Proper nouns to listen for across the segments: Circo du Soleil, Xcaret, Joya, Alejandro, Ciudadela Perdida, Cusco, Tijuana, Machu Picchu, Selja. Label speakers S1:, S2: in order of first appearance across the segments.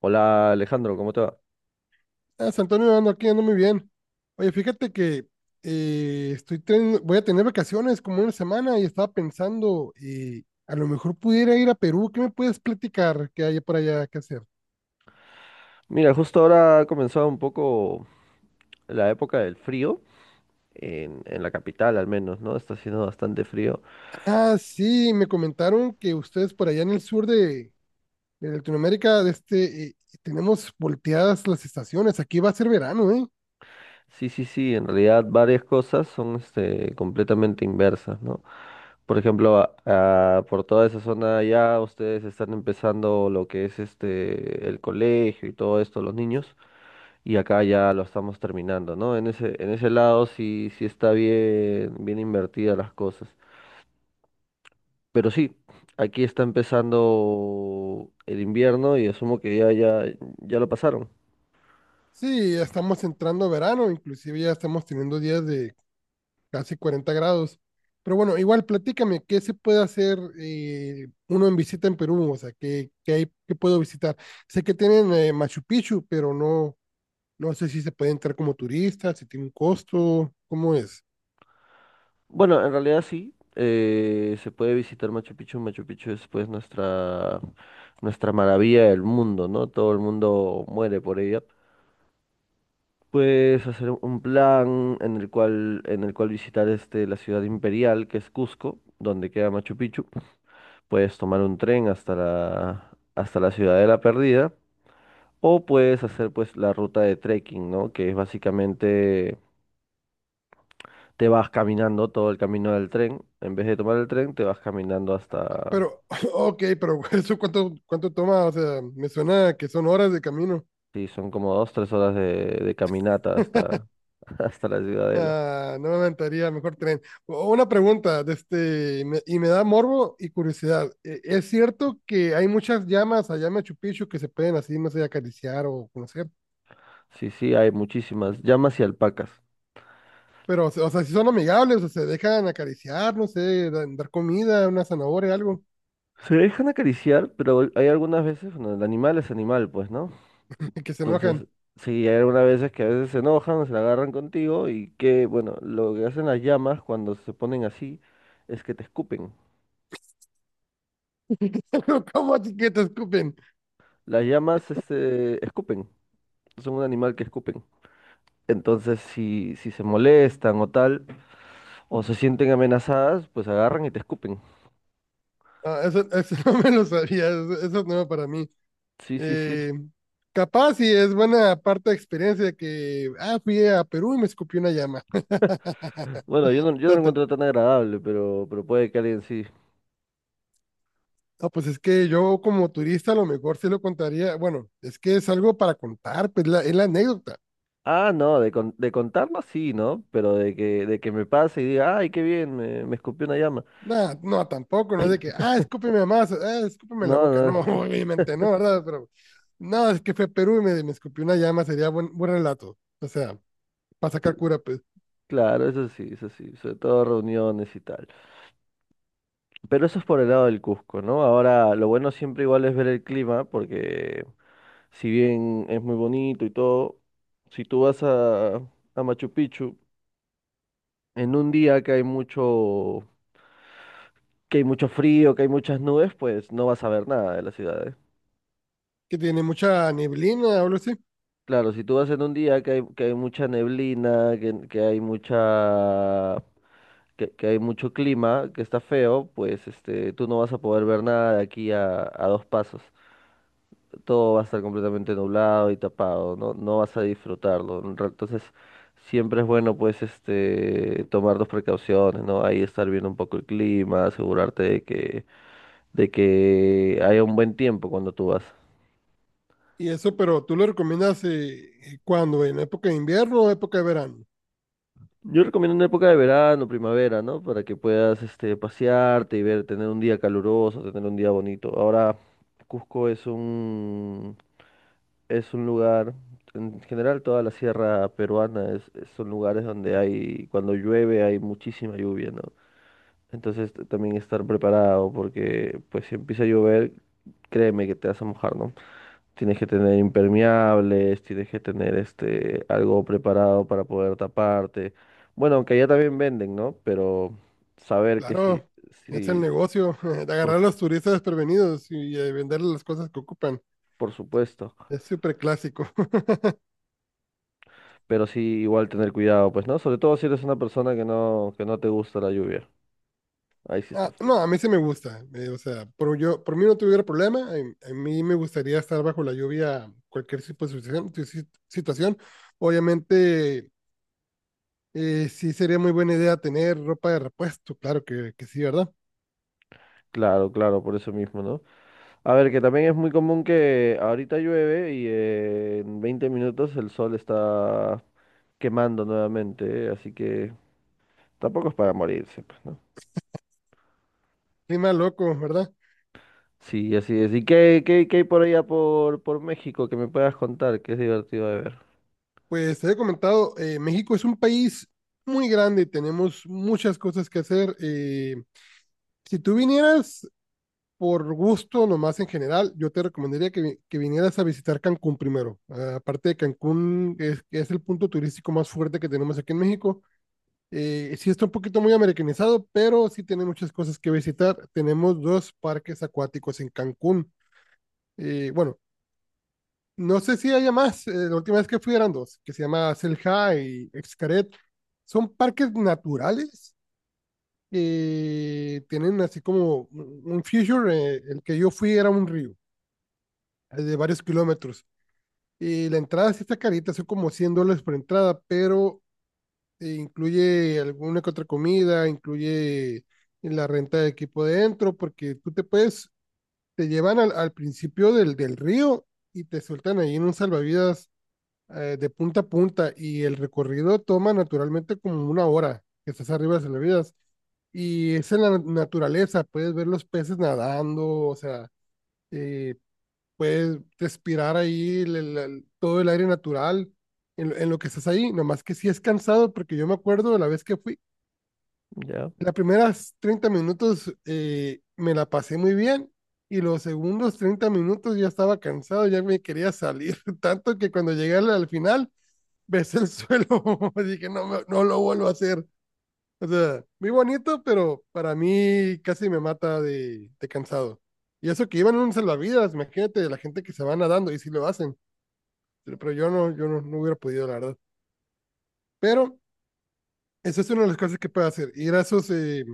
S1: Hola Alejandro, ¿cómo te va?
S2: Ah, San Antonio ando aquí, ando muy bien. Oye, fíjate que voy a tener vacaciones como una semana y estaba pensando, a lo mejor pudiera ir a Perú. ¿Qué me puedes platicar que haya por allá que hacer?
S1: Mira, justo ahora ha comenzado un poco la época del frío, en la capital al menos, ¿no? Está haciendo bastante frío.
S2: Ah, sí, me comentaron que ustedes por allá en el sur de Latinoamérica, de este, tenemos volteadas las estaciones. Aquí va a ser verano, ¿eh?
S1: Sí, sí, sí, en realidad varias cosas son este, completamente inversas, ¿no? Por ejemplo, por toda esa zona allá ustedes están empezando lo que es este, el colegio y todo esto, los niños, y acá ya lo estamos terminando, ¿no? En ese lado sí, sí está bien, bien invertidas las cosas. Pero sí, aquí está empezando el invierno y asumo que ya lo pasaron.
S2: Sí, ya estamos entrando a verano, inclusive ya estamos teniendo días de casi 40 grados. Pero bueno, igual platícame, ¿qué se puede hacer uno en visita en Perú? O sea, ¿qué, qué hay, qué puedo visitar? Sé que tienen Machu Picchu, pero no sé si se puede entrar como turista, si tiene un costo, ¿cómo es?
S1: Bueno, en realidad sí, se puede visitar Machu Picchu. Machu Picchu es pues nuestra maravilla del mundo, ¿no? Todo el mundo muere por ella. Puedes hacer un plan en el cual visitar este, la ciudad imperial, que es Cusco, donde queda Machu Picchu. Puedes tomar un tren hasta la Ciudadela Perdida. O puedes hacer pues la ruta de trekking, ¿no? Que es básicamente te vas caminando todo el camino del tren. En vez de tomar el tren, te vas caminando
S2: Ah,
S1: hasta...
S2: pero, ok, pero ¿eso cuánto toma? O sea, me suena que son horas de camino.
S1: Sí, son como dos, tres horas de caminata hasta, hasta la ciudadela.
S2: Ah, no me aventaría, mejor tren. Una pregunta, de este, y me da morbo y curiosidad. ¿Es cierto que hay muchas llamas allá en Machu Picchu que se pueden así, no sé, acariciar o conocer?
S1: Sí, sí, hay muchísimas llamas y alpacas.
S2: Pero, o sea, si son amigables, o se dejan acariciar, no sé, dar comida, una zanahoria, algo,
S1: Se dejan acariciar, pero hay algunas veces, bueno, el animal es animal, pues, ¿no?
S2: que se enojan.
S1: Entonces, sí, hay algunas veces que a veces se enojan, se la agarran contigo y que, bueno, lo que hacen las llamas cuando se ponen así es que te escupen.
S2: ¿Cómo así que te escupen?
S1: Las llamas, este, escupen. Son un animal que escupen. Entonces, si se molestan o tal, o se sienten amenazadas, pues agarran y te escupen.
S2: Ah, eso no me lo sabía, eso es nuevo para mí.
S1: Sí, sí, sí.
S2: Eh, Capaz y es buena parte de experiencia que, ah, fui a Perú y me escupió una llama.
S1: Bueno, yo no lo
S2: Está
S1: encuentro tan agradable, pero puede que alguien sí.
S2: No, pues es que yo como turista a lo mejor sí lo contaría. Bueno, es que es algo para contar, pues es la anécdota.
S1: Ah, no, de contarlo sí, ¿no? Pero de que me pase y diga, ay, qué bien, me escupió una llama.
S2: No, no, tampoco, no es de que, ah, escúpeme más, ah, escúpeme la boca.
S1: No,
S2: No,
S1: no,
S2: obviamente no, ¿verdad? Pero no, es que fue a Perú y me escupió una llama, sería buen, buen relato. O sea, para sacar cura, pues,
S1: claro, eso sí, sobre todo reuniones y tal. Pero eso es por el lado del Cusco, ¿no? Ahora, lo bueno siempre igual es ver el clima, porque si bien es muy bonito y todo, si tú vas a Machu Picchu en un día que hay mucho frío, que hay muchas nubes, pues no vas a ver nada de la ciudad, ¿eh?
S2: que tiene mucha neblina o algo así.
S1: Claro, si tú vas en un día que hay mucha neblina, que hay mucho clima, que está feo, pues este, tú no vas a poder ver nada de aquí a dos pasos. Todo va a estar completamente nublado y tapado, no, no vas a disfrutarlo. Entonces, siempre es bueno, pues, este, tomar dos precauciones, ¿no? Ahí estar viendo un poco el clima, asegurarte de que haya un buen tiempo cuando tú vas.
S2: Y eso, pero tú lo recomiendas cuando, en época de invierno o época de verano.
S1: Yo recomiendo una época de verano, primavera, ¿no? Para que puedas, este, pasearte y ver, tener un día caluroso, tener un día bonito. Ahora, Cusco es un. Es un lugar, en general toda la sierra peruana es, son lugares donde hay, cuando llueve hay muchísima lluvia, ¿no? Entonces también estar preparado porque pues si empieza a llover, créeme que te vas a mojar, ¿no? Tienes que tener impermeables, tienes que tener este algo preparado para poder taparte. Bueno, aunque allá también venden, ¿no? Pero saber que sí,
S2: Claro, es el
S1: sí,
S2: negocio, de
S1: por,
S2: agarrar a
S1: su-
S2: los turistas desprevenidos y venderles las cosas que ocupan.
S1: por supuesto,
S2: Es súper clásico.
S1: pero sí igual tener cuidado, pues, ¿no? Sobre todo si eres una persona que no te gusta la lluvia. Ahí sí
S2: Ah,
S1: está frío.
S2: no, a mí sí me gusta. O sea, por, yo, por mí no tuviera problema. A mí me gustaría estar bajo la lluvia cualquier tipo de situación. Situación. Obviamente, sí sería muy buena idea tener ropa de repuesto. Claro que sí, ¿verdad?
S1: Claro, claro, por eso mismo, ¿no? A ver, que también es muy común que ahorita llueve y en 20 minutos el sol está quemando nuevamente, ¿eh? Así que tampoco es para morirse, pues, ¿no?
S2: Clima loco, ¿verdad?
S1: Sí, así es. ¿Y qué hay por allá por México que me puedas contar? Que es divertido de ver.
S2: Pues te he comentado, México es un país muy grande y tenemos muchas cosas que hacer. Si tú vinieras por gusto, nomás en general, yo te recomendaría que vinieras a visitar Cancún primero. Ah, aparte de Cancún, es el punto turístico más fuerte que tenemos aquí en México. Sí está un poquito muy americanizado, pero sí tiene muchas cosas que visitar. Tenemos dos parques acuáticos en Cancún. Bueno, no sé si haya más. La última vez que fui eran dos, que se llama Selja y Xcaret. Son parques naturales. Tienen así como un feature. El que yo fui era un río de varios kilómetros. Y la entrada sí está carita, son como $100 por entrada, pero incluye alguna que otra comida, incluye la renta de equipo dentro, porque tú te puedes, te llevan al principio del río y te sueltan ahí en un salvavidas de punta a punta y el recorrido toma naturalmente como una hora que estás arriba de salvavidas. Y es en la naturaleza, puedes ver los peces nadando, o sea, eh, puedes respirar ahí todo el aire natural en lo que estás ahí, nomás que sí es cansado porque yo me acuerdo de la vez que fui,
S1: Ya,
S2: las primeras 30 minutos me la pasé muy bien y los segundos 30 minutos ya estaba cansado, ya me quería salir, tanto que cuando llegué al final besé el suelo, dije no, no lo vuelvo a hacer. O sea, muy bonito, pero para mí casi me mata de cansado. Y eso que iban en un salvavidas, imagínate la gente que se va nadando y si lo hacen. Pero yo no, no hubiera podido, la verdad. Pero esa es una de las cosas que puedes hacer. Ir a esos, eh,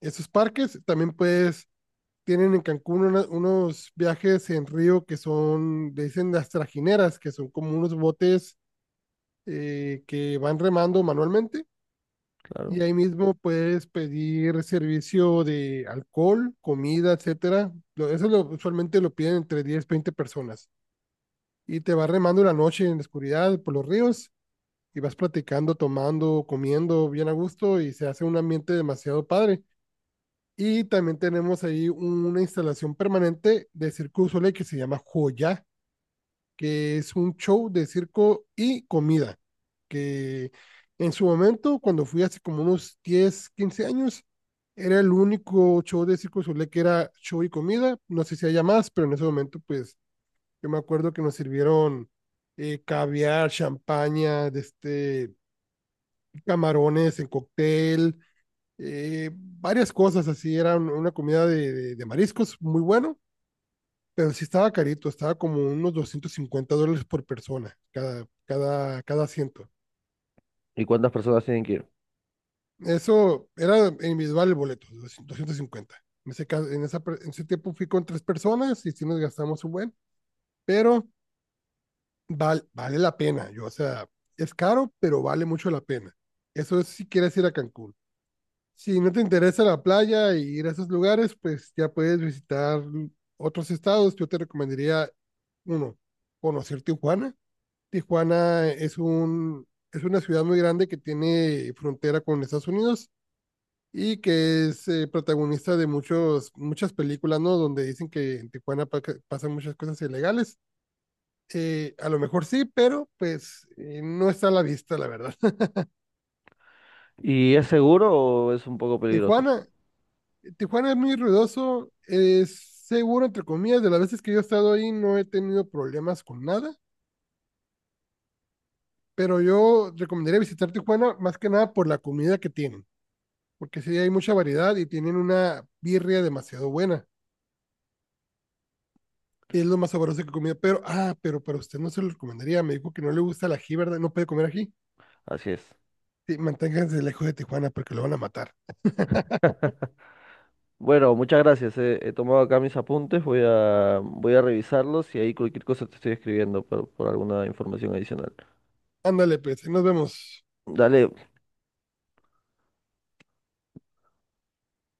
S2: esos parques. También puedes, tienen en Cancún unos viajes en río que son, le dicen las trajineras, que son como unos botes que van remando manualmente.
S1: claro.
S2: Y ahí mismo puedes pedir servicio de alcohol, comida, etcétera. Eso usualmente lo piden entre 10-20 personas. Y te va remando la noche en la oscuridad por los ríos y vas platicando, tomando, comiendo bien a gusto y se hace un ambiente demasiado padre. Y también tenemos ahí una instalación permanente de Circo du Soleil que se llama Joya, que es un show de circo y comida, que en su momento, cuando fui hace como unos 10-15 años, era el único show de Circo du Soleil que era show y comida. No sé si haya más, pero en ese momento, pues, yo me acuerdo que nos sirvieron caviar, champaña, de este, camarones en cóctel, varias cosas así. Era una comida de mariscos muy bueno, pero sí estaba carito, estaba como unos $250 por persona, cada asiento.
S1: ¿Y cuántas personas tienen que ir?
S2: Eso era individual el boleto, 250. En ese caso, en esa, en ese tiempo fui con tres personas y sí nos gastamos un buen, pero vale la pena. Yo, o sea, es caro, pero vale mucho la pena. Eso es si quieres ir a Cancún. Si no te interesa la playa y ir a esos lugares, pues ya puedes visitar otros estados. Yo te recomendaría, uno, conocer Tijuana. Tijuana es una ciudad muy grande que tiene frontera con Estados Unidos y que es protagonista de muchas películas, ¿no? Donde dicen que en Tijuana que pasan muchas cosas ilegales. A lo mejor sí, pero pues no está a la vista, la verdad.
S1: ¿Y es seguro o es un poco peligroso?
S2: Tijuana Tijuana es muy ruidoso, es seguro, entre comillas, de las veces que yo he estado ahí no he tenido problemas con nada, pero yo recomendaría visitar Tijuana más que nada por la comida que tienen, porque sí hay mucha variedad y tienen una birria demasiado buena. Es lo más sabroso que he comido, pero para usted no se lo recomendaría, me dijo que no le gusta el ají, ¿verdad? No puede comer ají.
S1: Así es.
S2: Sí, manténganse lejos de Tijuana porque lo van a matar.
S1: Bueno, muchas gracias. He tomado acá mis apuntes, voy a revisarlos y ahí cualquier cosa te estoy escribiendo por alguna información adicional.
S2: Ándale, pues, ahí nos vemos.
S1: Dale,